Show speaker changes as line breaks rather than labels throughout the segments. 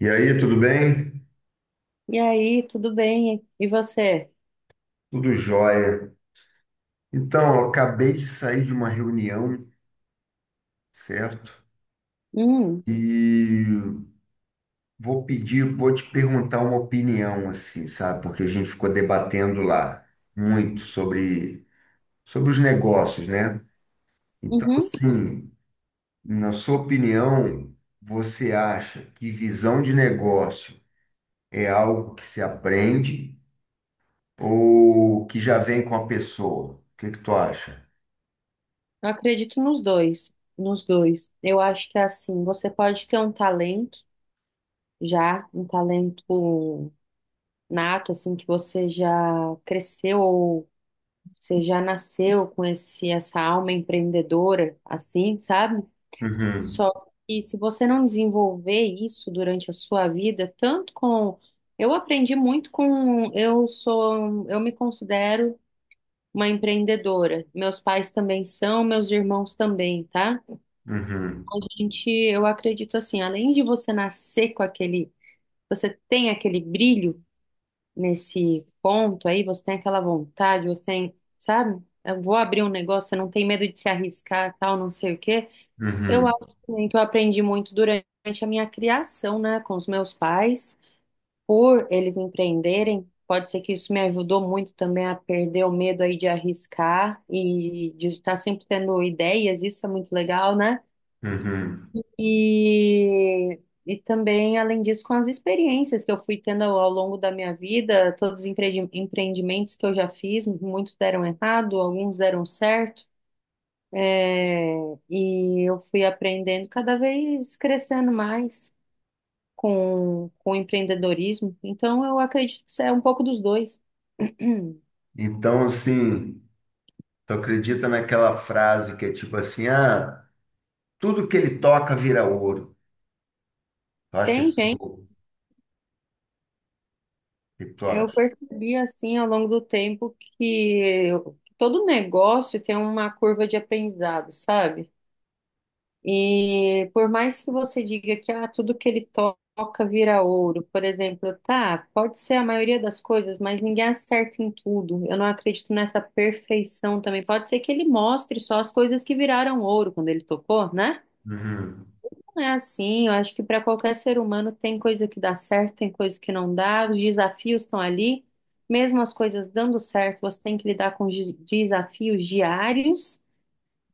E aí, tudo bem?
E aí, tudo bem? E você?
Tudo jóia. Então, eu acabei de sair de uma reunião, certo?
Hum,
E vou pedir, vou te perguntar uma opinião, assim, sabe? Porque a gente ficou debatendo lá muito sobre os negócios, né? Então,
uhum.
assim, na sua opinião, você acha que visão de negócio é algo que se aprende ou que já vem com a pessoa? O que que tu acha?
Eu acredito nos dois, nos dois. Eu acho que assim, você pode ter um talento já, um talento nato, assim, que você já cresceu ou você já nasceu com essa alma empreendedora, assim, sabe?
Uhum,
Só que se você não desenvolver isso durante a sua vida, tanto com. Eu aprendi muito com. Eu sou. Eu me considero uma empreendedora. Meus pais também são, meus irmãos também, tá?
uhum.
Então, eu acredito assim, além de você nascer com aquele, você tem aquele brilho nesse ponto aí, você tem aquela vontade, você tem, sabe? Eu vou abrir um negócio, você não tem medo de se arriscar, tal, não sei o quê. Eu
Uhum,
acho também que eu aprendi muito durante a minha criação, né, com os meus pais por eles empreenderem, pode ser que isso me ajudou muito também a perder o medo aí de arriscar e de estar sempre tendo ideias, isso é muito legal, né?
uhum.
E, e também, além disso, com as experiências que eu fui tendo ao longo da minha vida, todos os empreendimentos que eu já fiz, muitos deram errado, alguns deram certo. É, e eu fui aprendendo cada vez crescendo mais com empreendedorismo. Então, eu acredito que isso é um pouco dos dois.
Então, assim, tu acredita naquela frase que é tipo assim, ah, tudo que ele toca vira ouro. Tu acha
Tem,
isso?
tem.
O que tu
Eu
acha?
percebi, assim, ao longo do tempo que todo negócio tem uma curva de aprendizado, sabe? E por mais que você diga que ah, tudo que ele toca vira ouro, por exemplo, tá, pode ser a maioria das coisas, mas ninguém acerta em tudo. Eu não acredito nessa perfeição também. Pode ser que ele mostre só as coisas que viraram ouro quando ele tocou, né?
Uhum,
É assim, eu acho que para qualquer ser humano tem coisa que dá certo, tem coisa que não dá, os desafios estão ali, mesmo as coisas dando certo, você tem que lidar com desafios diários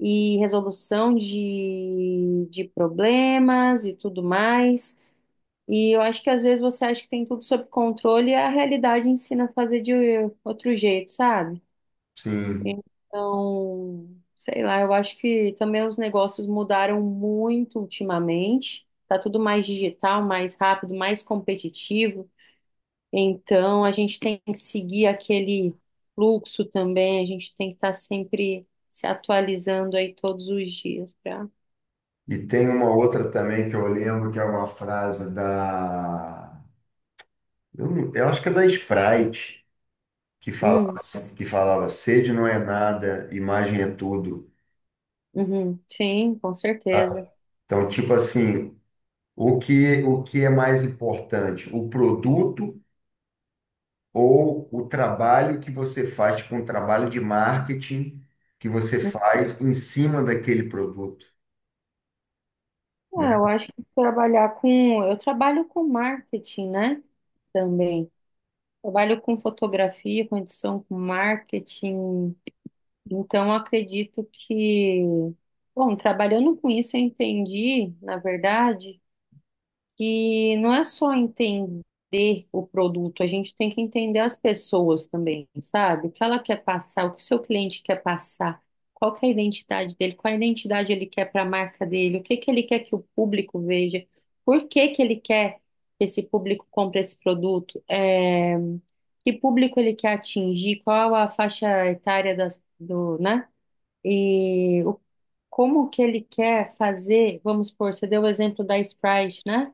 e resolução de problemas e tudo mais. E eu acho que às vezes você acha que tem tudo sob controle e a realidade ensina a fazer de outro jeito, sabe?
sim.
Então, sei lá, eu acho que também os negócios mudaram muito ultimamente. Tá tudo mais digital, mais rápido, mais competitivo. Então, a gente tem que seguir aquele fluxo também. A gente tem que estar sempre se atualizando aí todos os dias para.
E tem uma outra também que eu lembro que é uma frase da. Eu, eu acho que é da Sprite, que falava,
Hum,
que falava: sede não é nada, imagem é tudo.
uhum, sim, com
Tá?
certeza.
Então, tipo assim, o que é mais importante? O produto ou o trabalho que você faz, tipo um trabalho de marketing que você faz em cima daquele produto.
Ah, eu acho que trabalhar com. Eu trabalho com marketing, né? Também. Trabalho com fotografia, com edição, com marketing. Então, acredito que, bom, trabalhando com isso, eu entendi, na verdade. E não é só entender o produto, a gente tem que entender as pessoas também, sabe? O que ela quer passar, o que seu cliente quer passar, qual que é a identidade dele, qual a identidade ele quer para a marca dele, o que que ele quer que o público veja, por que que ele quer que esse público compre esse produto, é, que público ele quer atingir, qual a faixa etária das, do, né? E o, como que ele quer fazer, vamos supor, você deu o exemplo da Sprite, né?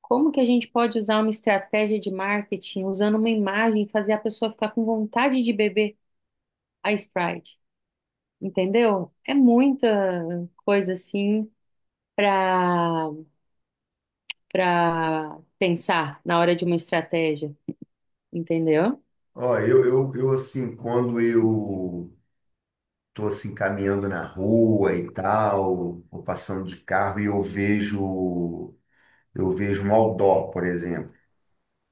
Como que a gente pode usar uma estratégia de marketing usando uma imagem, fazer a pessoa ficar com vontade de beber a Sprite? Entendeu? É muita coisa assim para para pensar na hora de uma estratégia, entendeu?
Ó, eu assim, quando eu tô assim caminhando na rua e tal, ou passando de carro e eu vejo um outdoor, por exemplo.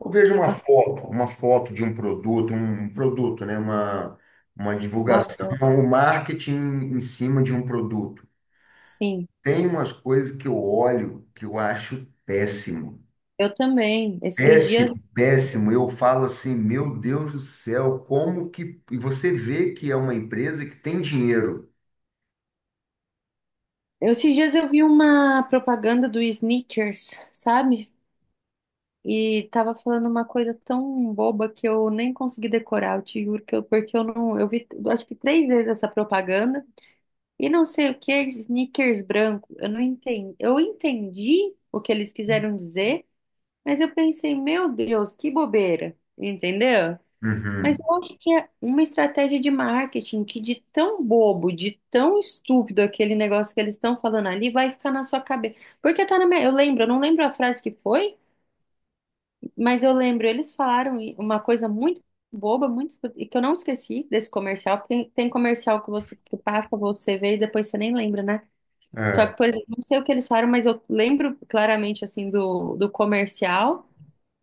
Eu vejo uma foto, de um produto, né, uma
Uma-
divulgação, um marketing em cima de um produto.
Sim,
Tem umas coisas que eu olho que eu acho péssimo.
eu também. Esses
Péssimo,
dias,
péssimo. Eu falo assim, meu Deus do céu, como que. E você vê que é uma empresa que tem dinheiro.
esses dias eu vi uma propaganda do Snickers, sabe? E tava falando uma coisa tão boba que eu nem consegui decorar, eu te juro que eu, porque eu não, eu vi, eu acho que três vezes essa propaganda e não sei o que, Snickers branco, eu não entendi, eu entendi o que eles quiseram dizer, mas eu pensei, meu Deus, que bobeira, entendeu? Mas
Uhum.
eu acho que é uma estratégia de marketing que de tão bobo, de tão estúpido aquele negócio que eles estão falando ali, vai ficar na sua cabeça. Porque tá na minha, eu lembro, eu não lembro a frase que foi, mas eu lembro, eles falaram uma coisa muito boba, muito e que eu não esqueci desse comercial, porque tem, tem comercial que você que passa, você vê e depois você nem lembra, né? Só
É,
que, por exemplo, não sei o que eles falaram, mas eu lembro claramente assim do, comercial.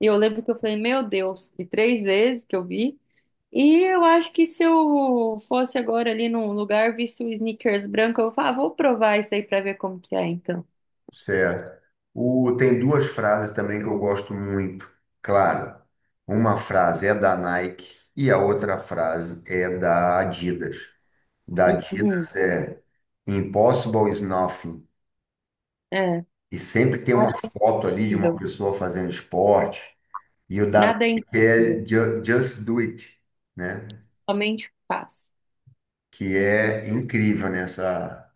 E eu lembro que eu falei, meu Deus, e três vezes que eu vi. E eu acho que se eu fosse agora ali num lugar, visse o sneakers branco, eu falava, ah, vou provar isso aí pra ver como que é, então.
certo. O, tem duas frases também que eu gosto muito. Claro, uma frase é da Nike e a outra frase é da Adidas. Da
Uhum,
Adidas é Impossible is nothing.
é,
E sempre tem uma
nada é
foto ali de uma
impossível,
pessoa fazendo esporte. E o da
nada é
que é
impossível,
Just Do It, né?
somente fácil.
Que é incrível nessa.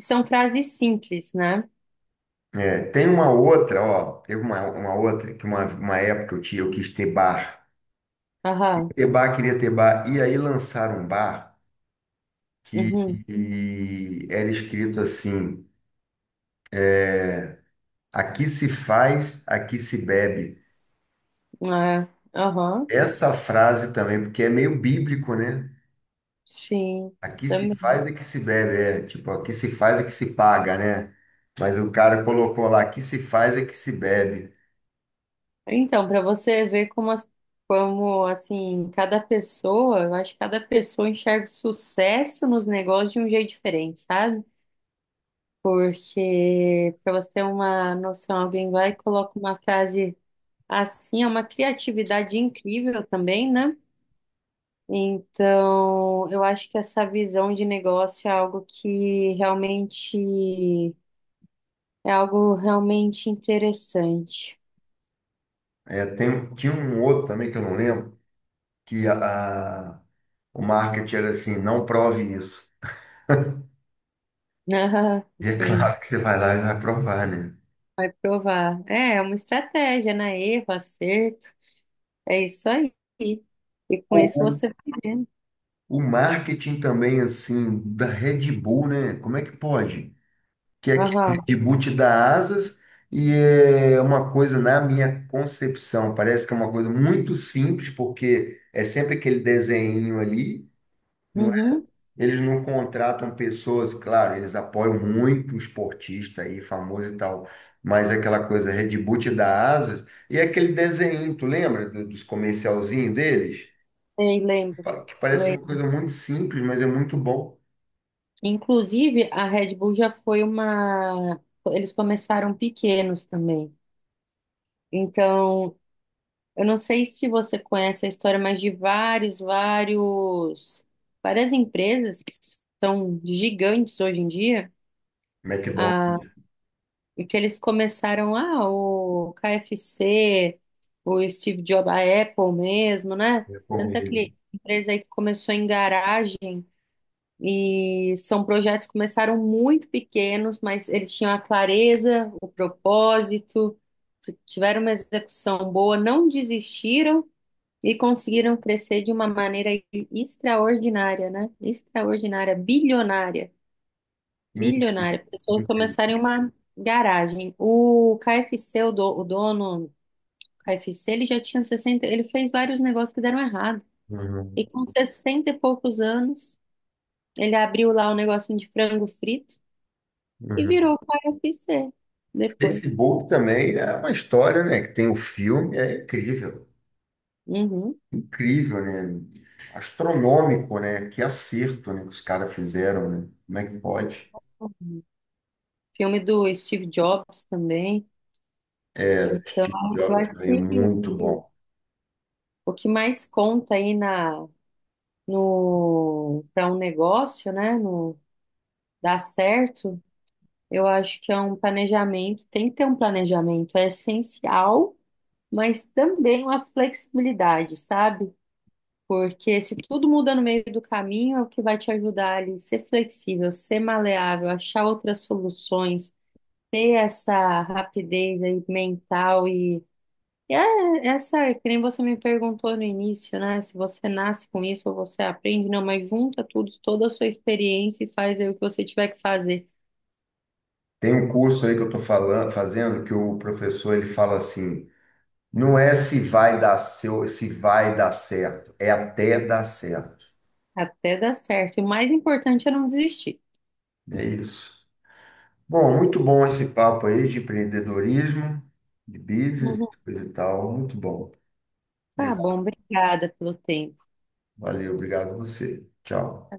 São frases simples, né?
É, tem uma outra, ó, teve uma outra que uma época eu tinha, eu quis ter bar.
Aham.
Ter bar, queria ter bar. E aí lançaram um bar que,
Uhum.
que era escrito assim: aqui se faz, aqui se bebe.
É. Aham.
Essa frase também, porque é meio bíblico, né?
Sim.
Aqui se
Também.
faz é que se bebe, é. Tipo, aqui se faz é que se paga, né? Mas o cara colocou lá, aqui se faz é que se bebe.
Então, para você ver como, as- como, assim, cada pessoa, eu acho que cada pessoa enxerga o sucesso nos negócios de um jeito diferente, sabe? Porque, para você ter uma noção, alguém vai e coloca uma frase assim, é uma criatividade incrível também, né? Então, eu acho que essa visão de negócio é algo que realmente É algo realmente interessante.
É, tem, tinha um outro também que eu não lembro, que a, a- o marketing era assim, não prove isso.
Ah,
E é
sim,
claro que você vai lá e vai provar, né?
vai provar. É, é uma estratégia, na erro, acerto. É isso aí. E com
Ou
isso você vai vendo.
o marketing também, assim, da Red Bull, né? Como é que pode? Que é aquele
Aham.
reboot da Asas, e é uma coisa, na minha concepção, parece que é uma coisa muito simples, porque é sempre aquele desenho ali, não é?
Uhum.
Eles não contratam pessoas, claro, eles apoiam muito o esportista aí, famoso e tal, mas é aquela coisa, reboot da Asas, e é aquele desenho, tu lembra dos comercialzinhos deles?
Sei, lembro.
Que parece uma
Lembro.
coisa muito simples, mas é muito bom.
Inclusive, a Red Bull já foi uma. Eles começaram pequenos também. Então, eu não sei se você conhece a história, mas de vários, várias empresas que são gigantes hoje em dia.
McDonald's,
E que eles começaram, ah, o KFC, o Steve Jobs, a Apple mesmo, né?
é
Tanta
comida.
que empresa aí que começou em garagem e são projetos que começaram muito pequenos, mas eles tinham a clareza, o propósito, tiveram uma execução boa, não desistiram e conseguiram crescer de uma maneira extraordinária, né? Extraordinária, bilionária.
Hum,
Bilionário, pessoas começarem uma garagem. O KFC, o dono do KFC, ele já tinha 60 ele fez vários negócios que deram errado.
hum,
E com 60 e poucos anos, ele abriu lá um negocinho de frango frito e
hum.
virou o KFC depois.
Facebook também é uma história, né? Que tem o filme, é incrível.
Uhum.
Incrível, né? Astronômico, né? Que acerto, né? Que os caras fizeram, né? Como é que pode?
Filme do Steve Jobs também. Então,
Steve
eu
Jobs
acho
também é
que
muito bom.
o que mais conta aí na, no, para um negócio, né, no, dar certo, eu acho que é um planejamento, tem que ter um planejamento, é essencial, mas também uma flexibilidade, sabe? Porque se tudo muda no meio do caminho, é o que vai te ajudar ali ser flexível, ser maleável, achar outras soluções, ter essa rapidez aí mental e é essa, que nem você me perguntou no início, né? Se você nasce com isso ou você aprende, não, mas junta tudo, toda a sua experiência e faz aí o que você tiver que fazer.
Tem um curso aí que eu estou falando, fazendo que o professor ele fala assim, não é se vai dar seu, se vai dar certo, é até dar certo.
Até dar certo. O mais importante é não desistir.
É isso. Bom, muito bom esse papo aí de empreendedorismo, de business,
Uhum.
coisa e tal, muito bom.
Tá
Obrigado.
bom, obrigada pelo tempo.
Valeu, obrigado a você. Tchau.